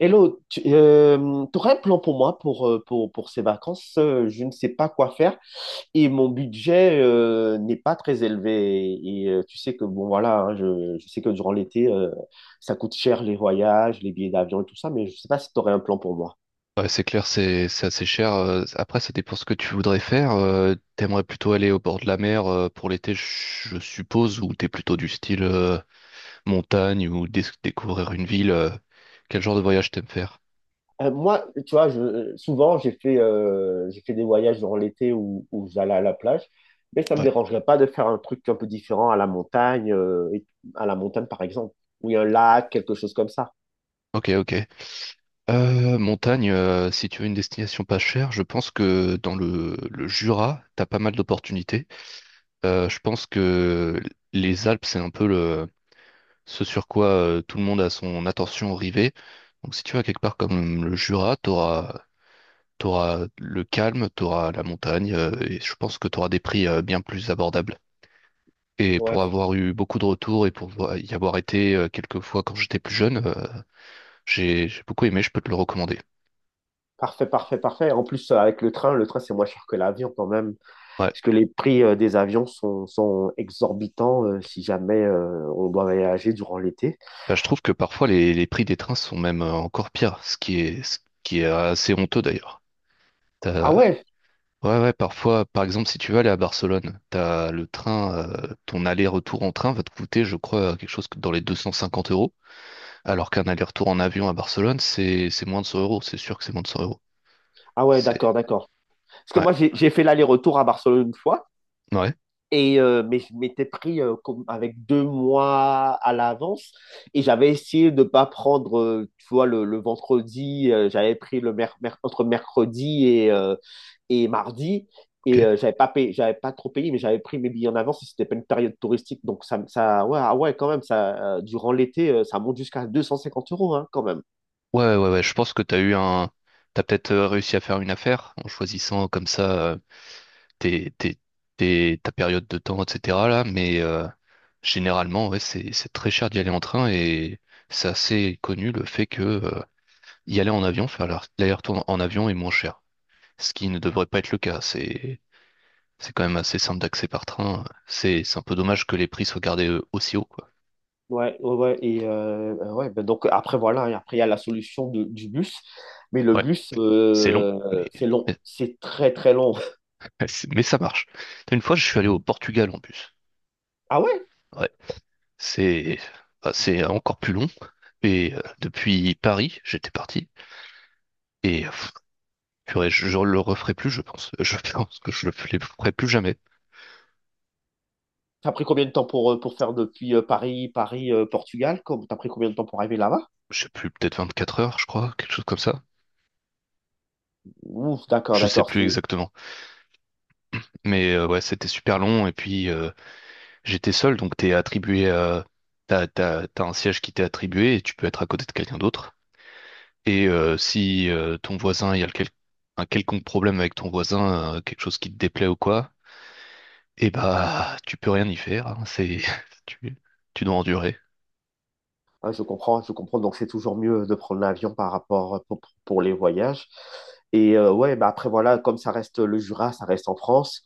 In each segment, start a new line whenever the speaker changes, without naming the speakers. Hello, tu aurais un plan pour moi pour ces vacances? Je ne sais pas quoi faire et mon budget n'est pas très élevé. Tu sais que, bon, voilà, hein, je sais que durant l'été, ça coûte cher les voyages, les billets d'avion et tout ça, mais je ne sais pas si tu aurais un plan pour moi.
Ouais, c'est clair, c'est assez cher. Après, ça dépend ce que tu voudrais faire. T'aimerais plutôt aller au bord de la mer pour l'été, je suppose, ou t'es plutôt du style montagne ou découvrir une ville. Quel genre de voyage t'aimes faire?
Moi, tu vois, souvent, j'ai fait des voyages durant l'été où j'allais à la plage, mais ça ne me
Ouais.
dérangerait pas de faire un truc un peu différent à la à la montagne par exemple, où il y a un lac, quelque chose comme ça.
Ok, ok. Montagne, si tu veux une destination pas chère, je pense que dans le Jura, t'as pas mal d'opportunités. Je pense que les Alpes, c'est un peu le ce sur quoi tout le monde a son attention rivée. Donc si tu vas quelque part comme le Jura, t'auras le calme, t'auras la montagne, et je pense que t'auras des prix bien plus abordables. Et pour avoir eu beaucoup de retours et pour y avoir été quelques fois quand j'étais plus jeune, j'ai beaucoup aimé, je peux te le recommander.
Parfait, parfait, parfait. En plus, avec le le train, c'est moins cher que l'avion quand même,
Ouais.
parce que les prix des avions sont exorbitants si jamais on doit voyager durant l'été.
Bah, je trouve que parfois les prix des trains sont même encore pires, ce qui est assez honteux d'ailleurs.
Ah ouais,
Ouais, ouais, parfois, par exemple, si tu veux aller à Barcelone, t'as le train, ton aller-retour en train va te coûter, je crois, dans les 250 euros, alors qu'un aller-retour en avion à Barcelone, c'est moins de 100 euros, c'est sûr que c'est moins de 100 euros.
ah ouais, d'accord,
C'est...
d'accord. Parce que
Ouais,
moi, j'ai fait l'aller-retour à Barcelone une fois,
ouais,
mais je m'étais pris comme avec deux mois à l'avance, et j'avais essayé de ne pas prendre, tu vois, le vendredi, j'avais pris le entre mercredi et mardi.
ok.
J'avais pas payé, j'avais pas trop payé, mais j'avais pris mes billets en avance et c'était pas une période touristique. Donc ça ouais, ah ouais, quand même, ça, durant l'été, ça monte jusqu'à 250 euros, hein, quand même.
Ouais, ouais, ouais, je pense que t'as eu un... T'as peut-être réussi à faire une affaire en choisissant comme ça tes, tes, ta période de temps, etc. là, mais généralement, ouais, c'est très cher d'y aller en train et c'est assez connu le fait que... Y aller en avion, faire l'aller-retour en avion est moins cher. Ce qui ne devrait pas être le cas. C'est quand même assez simple d'accès par train. C'est un peu dommage que les prix soient gardés aussi haut, quoi.
Ouais, ouais, ouais. Ouais, ben donc après, voilà, et après, il y a la solution du bus. Mais le
Ouais,
bus,
c'est long,
c'est long,
mais,
c'est très, très long.
mais ça marche. Une fois, je suis allé au Portugal en bus.
Ah ouais?
Ouais, c'est bah, c'est encore plus long. Et depuis Paris, j'étais parti. Et je le referai plus, je pense. Je pense que je le ferai plus jamais.
T'as pris combien de temps pour pour faire depuis Paris, Portugal? T'as pris combien de temps pour arriver là-bas?
Je sais plus, peut-être 24 heures, je crois, quelque chose comme ça.
Ouf, d'accord,
Je sais
d'accord.
plus exactement. Mais ouais, c'était super long et puis j'étais seul, donc t'es attribué à... T'as un siège qui t'est attribué et tu peux être à côté de quelqu'un d'autre. Et si ton voisin, il y a le quel- un quelconque problème avec ton voisin, quelque chose qui te déplaît ou quoi, eh bah tu peux rien y faire, hein, c'est... tu, tu dois endurer.
Ah, je comprends, je comprends. Donc, c'est toujours mieux de prendre l'avion par rapport pour les voyages. Ouais, bah après, voilà, comme ça reste le Jura, ça reste en France.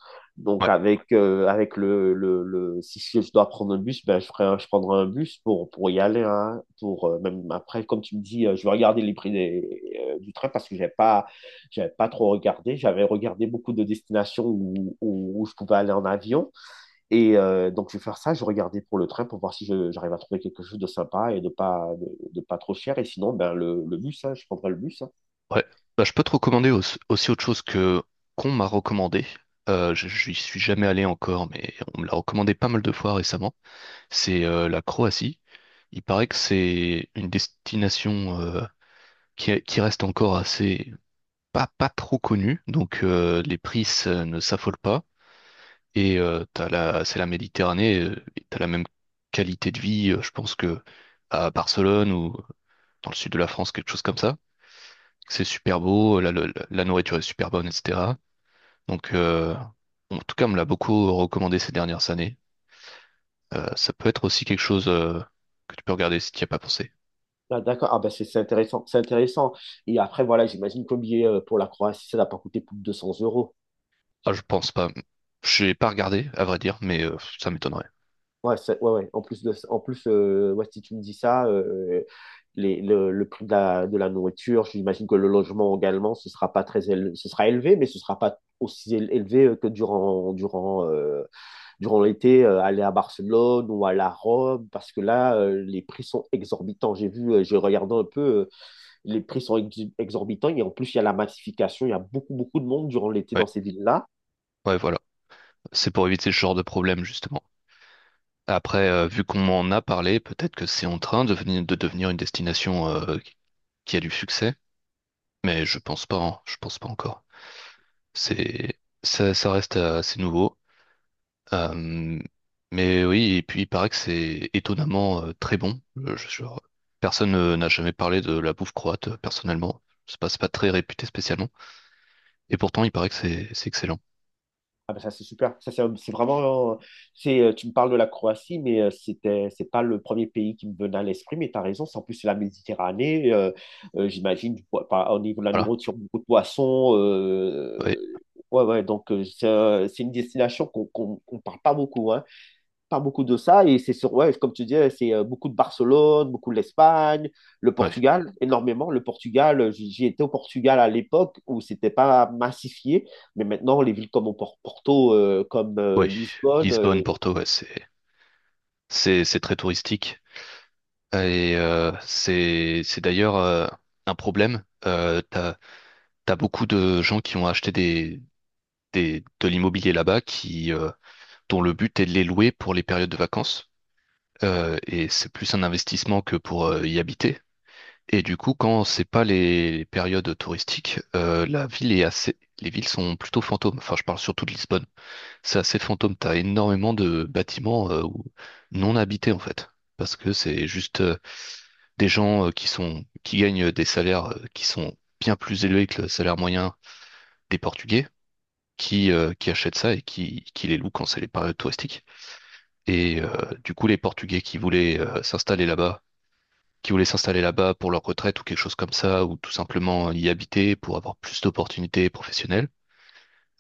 Ouais,
Donc, avec si je dois prendre un bus, ben, je prendrai un bus pour y aller, hein, même après, comme tu me dis, je vais regarder les prix du train parce que j'avais pas trop regardé. J'avais regardé beaucoup de destinations où je pouvais aller en avion. Donc, je vais faire ça. Je vais regarder pour le train pour voir si j'arrive à trouver quelque chose de sympa et de de pas trop cher. Et sinon, ben, le bus, hein, je prendrai le bus, hein.
ouais. Bah, je peux te recommander aussi, aussi autre chose que qu'on m'a recommandé. Je n'y suis jamais allé encore, mais on me l'a recommandé pas mal de fois récemment. C'est la Croatie. Il paraît que c'est une destination qui reste encore assez pas trop connue, donc les prix ne s'affolent pas. Et c'est la Méditerranée, et t'as la même qualité de vie, je pense que à Barcelone ou dans le sud de la France, quelque chose comme ça. C'est super beau, la nourriture est super bonne, etc. Donc en tout cas, on me l'a beaucoup recommandé ces dernières années. Ça peut être aussi quelque chose que tu peux regarder si tu n'y as pas pensé.
Ah, d'accord. Ah, ben, c'est intéressant. C'est intéressant. Et après, voilà, j'imagine que le billet pour la Croatie, ça n'a pas coûté plus de 200 euros.
Ah, je pense pas. J'ai pas regardé, à vrai dire, mais ça m'étonnerait.
Ouais, ouais, ouais. En plus, en plus, ouais, si tu me dis ça, le prix de de la nourriture, j'imagine que le logement également, ce sera pas très élevé, ce sera élevé, mais ce sera pas aussi élevé que durant l'été, aller à Barcelone ou aller à Rome, parce que là, les prix sont exorbitants. J'ai vu, j'ai regardé un peu, les prix sont exorbitants et en plus, il y a la massification, il y a beaucoup, beaucoup de monde durant l'été
Ouais,
dans ces villes-là.
ouais, voilà. C'est pour éviter ce genre de problème, justement. Après, vu qu'on m'en a parlé, peut-être que c'est en train de venir- de devenir une destination qui a du succès, mais je pense pas, hein. Je pense pas encore. Ça reste assez nouveau. Euh, mais oui, et puis il paraît que c'est étonnamment très bon. Personne n'a jamais parlé de la bouffe croate, personnellement. C'est pas très réputé spécialement. Et pourtant, il paraît que c'est excellent.
Ah ben ça, c'est super. Ça, c'est un- c'est vraiment. Un- C'est, Tu me parles de la Croatie, mais c'est pas le premier pays qui me venait à l'esprit, mais tu as raison. En plus, c'est la Méditerranée, j'imagine, au niveau de la
Voilà.
nourriture, beaucoup de poissons,
Ouais,
ouais, ouais, c'est c'est une destination qu'on parle pas beaucoup, hein, pas beaucoup de ça. Et c'est sur, ouais, comme tu disais, c'est beaucoup de Barcelone, beaucoup de l'Espagne, le
ouais,
Portugal, énormément. Le Portugal, j'y étais au Portugal à l'époque où c'était pas massifié, mais maintenant, les villes comme au Porto, comme
ouais.
Lisbonne,
Lisbonne, Porto, ouais, c'est très touristique. Et c'est d'ailleurs un problème. T'as beaucoup de gens qui ont acheté des de l'immobilier là-bas qui dont le but est de les louer pour les périodes de vacances. Et c'est plus un investissement que pour y habiter. Et du coup, quand c'est pas les périodes touristiques, la ville est assez, les villes sont plutôt fantômes. Enfin, je parle surtout de Lisbonne. C'est assez fantôme. T'as énormément de bâtiments non habités en fait, parce que c'est juste des gens qui gagnent des salaires qui sont bien plus élevés que le salaire moyen des Portugais, qui achètent ça et qui les louent quand c'est les périodes touristiques. Et du coup, les Portugais qui voulaient s'installer là-bas qui voulaient s'installer là-bas pour leur retraite ou quelque chose comme ça, ou tout simplement y habiter pour avoir plus d'opportunités professionnelles.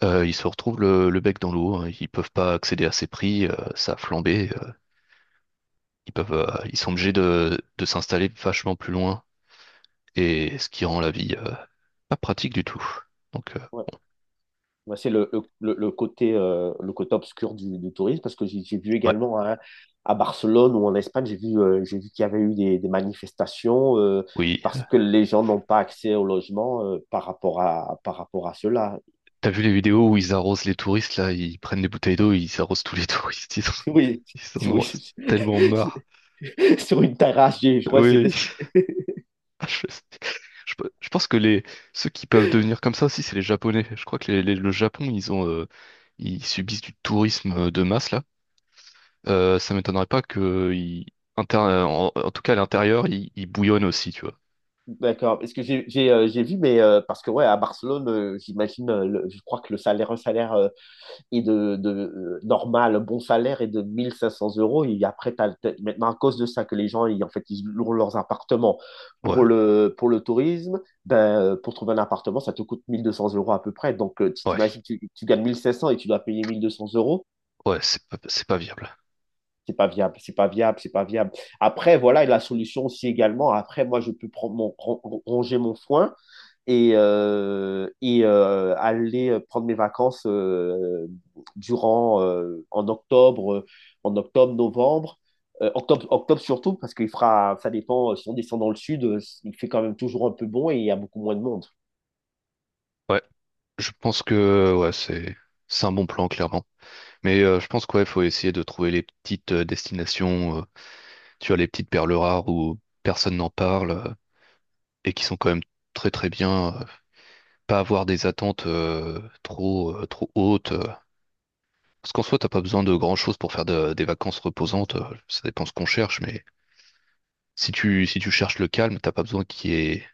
Ils se retrouvent le bec dans l'eau, hein. Ils peuvent pas accéder à ces prix, ça a flambé, ils peuvent, euh, ils sont obligés de s'installer vachement plus loin, et ce qui rend la vie pas pratique du tout. Donc,
ouais, ouais, c'est le côté obscur du tourisme parce que j'ai vu
ouais,
également, hein, à Barcelone ou en Espagne, j'ai vu qu'il y avait eu des manifestations,
oui.
parce que les gens n'ont pas accès au logement par rapport à cela.
T'as vu les vidéos où ils arrosent les touristes, là, ils prennent des bouteilles d'eau, ils arrosent tous les touristes,
Oui,
ils en ont
oui.
tellement marre.
Sur une terrasse, je crois que c'était.
Oui, Ah, Je, je pense que les ceux qui peuvent devenir comme ça aussi, c'est les Japonais. Je crois que le Japon, ils ont, ils subissent du tourisme de masse là. Ça m'étonnerait pas que en, en tout cas à l'intérieur, ils bouillonnent aussi, tu vois.
D'accord. Parce que j'ai vu, mais parce que ouais, à Barcelone, j'imagine, je crois que le salaire, un salaire est de normal, un bon salaire est de 1 500 euros. Et après, maintenant, à cause de ça, que les gens, ils, en fait, ils louent leurs appartements
Ouais,
pour pour le tourisme, ben, pour trouver un appartement, ça te coûte 1 200 euros à peu près. Donc, tu
ouais,
t'imagines, tu gagnes 1 500 et tu dois payer 1 200 euros.
ouais, c'est pas viable.
C'est pas viable, c'est pas viable, c'est pas viable. Après, voilà, et la solution aussi également. Après, moi, je peux prendre ronger mon foin et aller prendre mes vacances durant en octobre, novembre. Octobre, octobre surtout parce qu'il fera, ça dépend, si on descend dans le sud, il fait quand même toujours un peu bon et il y a beaucoup moins de monde.
Ouais, je pense que ouais, c'est un bon plan clairement. Mais je pense qu'il ouais, faut essayer de trouver les petites destinations, tu vois, les petites perles rares où personne n'en parle et qui sont quand même très très bien. Pas avoir des attentes trop hautes. Parce qu'en soi, t'as pas besoin de grand-chose pour faire des vacances reposantes. Ça dépend ce qu'on cherche, mais si tu cherches le calme, t'as pas besoin qu'il y ait,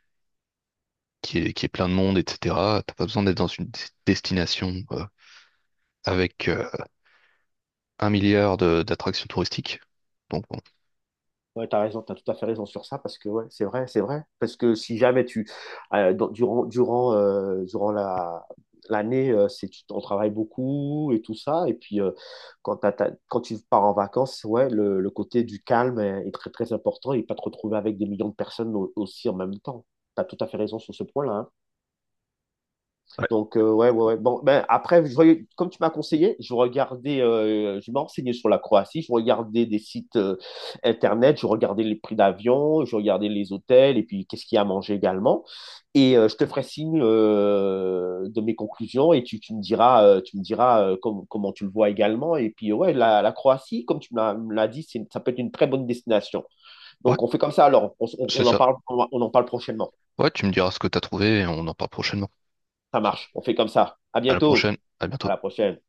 qu'il y ait, qu'il y ait plein de monde, etc. T'as pas besoin d'être dans une destination avec un milliard d'attractions touristiques. Donc bon.
Ouais, t'as raison, t'as tout à fait raison sur ça parce que ouais, c'est vrai, c'est vrai. Parce que si jamais tu durant durant la l'année, on travaille beaucoup et tout ça, et puis quand quand tu pars en vacances, ouais, le côté du calme est très très important et pas te retrouver avec des millions de personnes aussi en même temps. T'as tout à fait raison sur ce point-là, hein. Donc, ouais, ouais, ouais. Bon, ben, après, comme tu m'as conseillé, je regardais, je me renseignais sur la Croatie, je regardais des sites internet, je regardais les prix d'avion, je regardais les hôtels et puis qu'est-ce qu'il y a à manger également. Je te ferai signe de mes conclusions et tu me diras comment tu le vois également. Et puis, ouais, la Croatie, comme tu me l'as dit, ça peut être une très bonne destination.
Ouais,
Donc, on fait comme ça alors.
c'est
On en
ça.
parle, on en parle prochainement.
Ouais, tu me diras ce que t'as trouvé et on en parle prochainement.
Ça
Ça-
marche. On fait comme ça. À
À la
bientôt.
prochaine, à
À
bientôt.
la prochaine.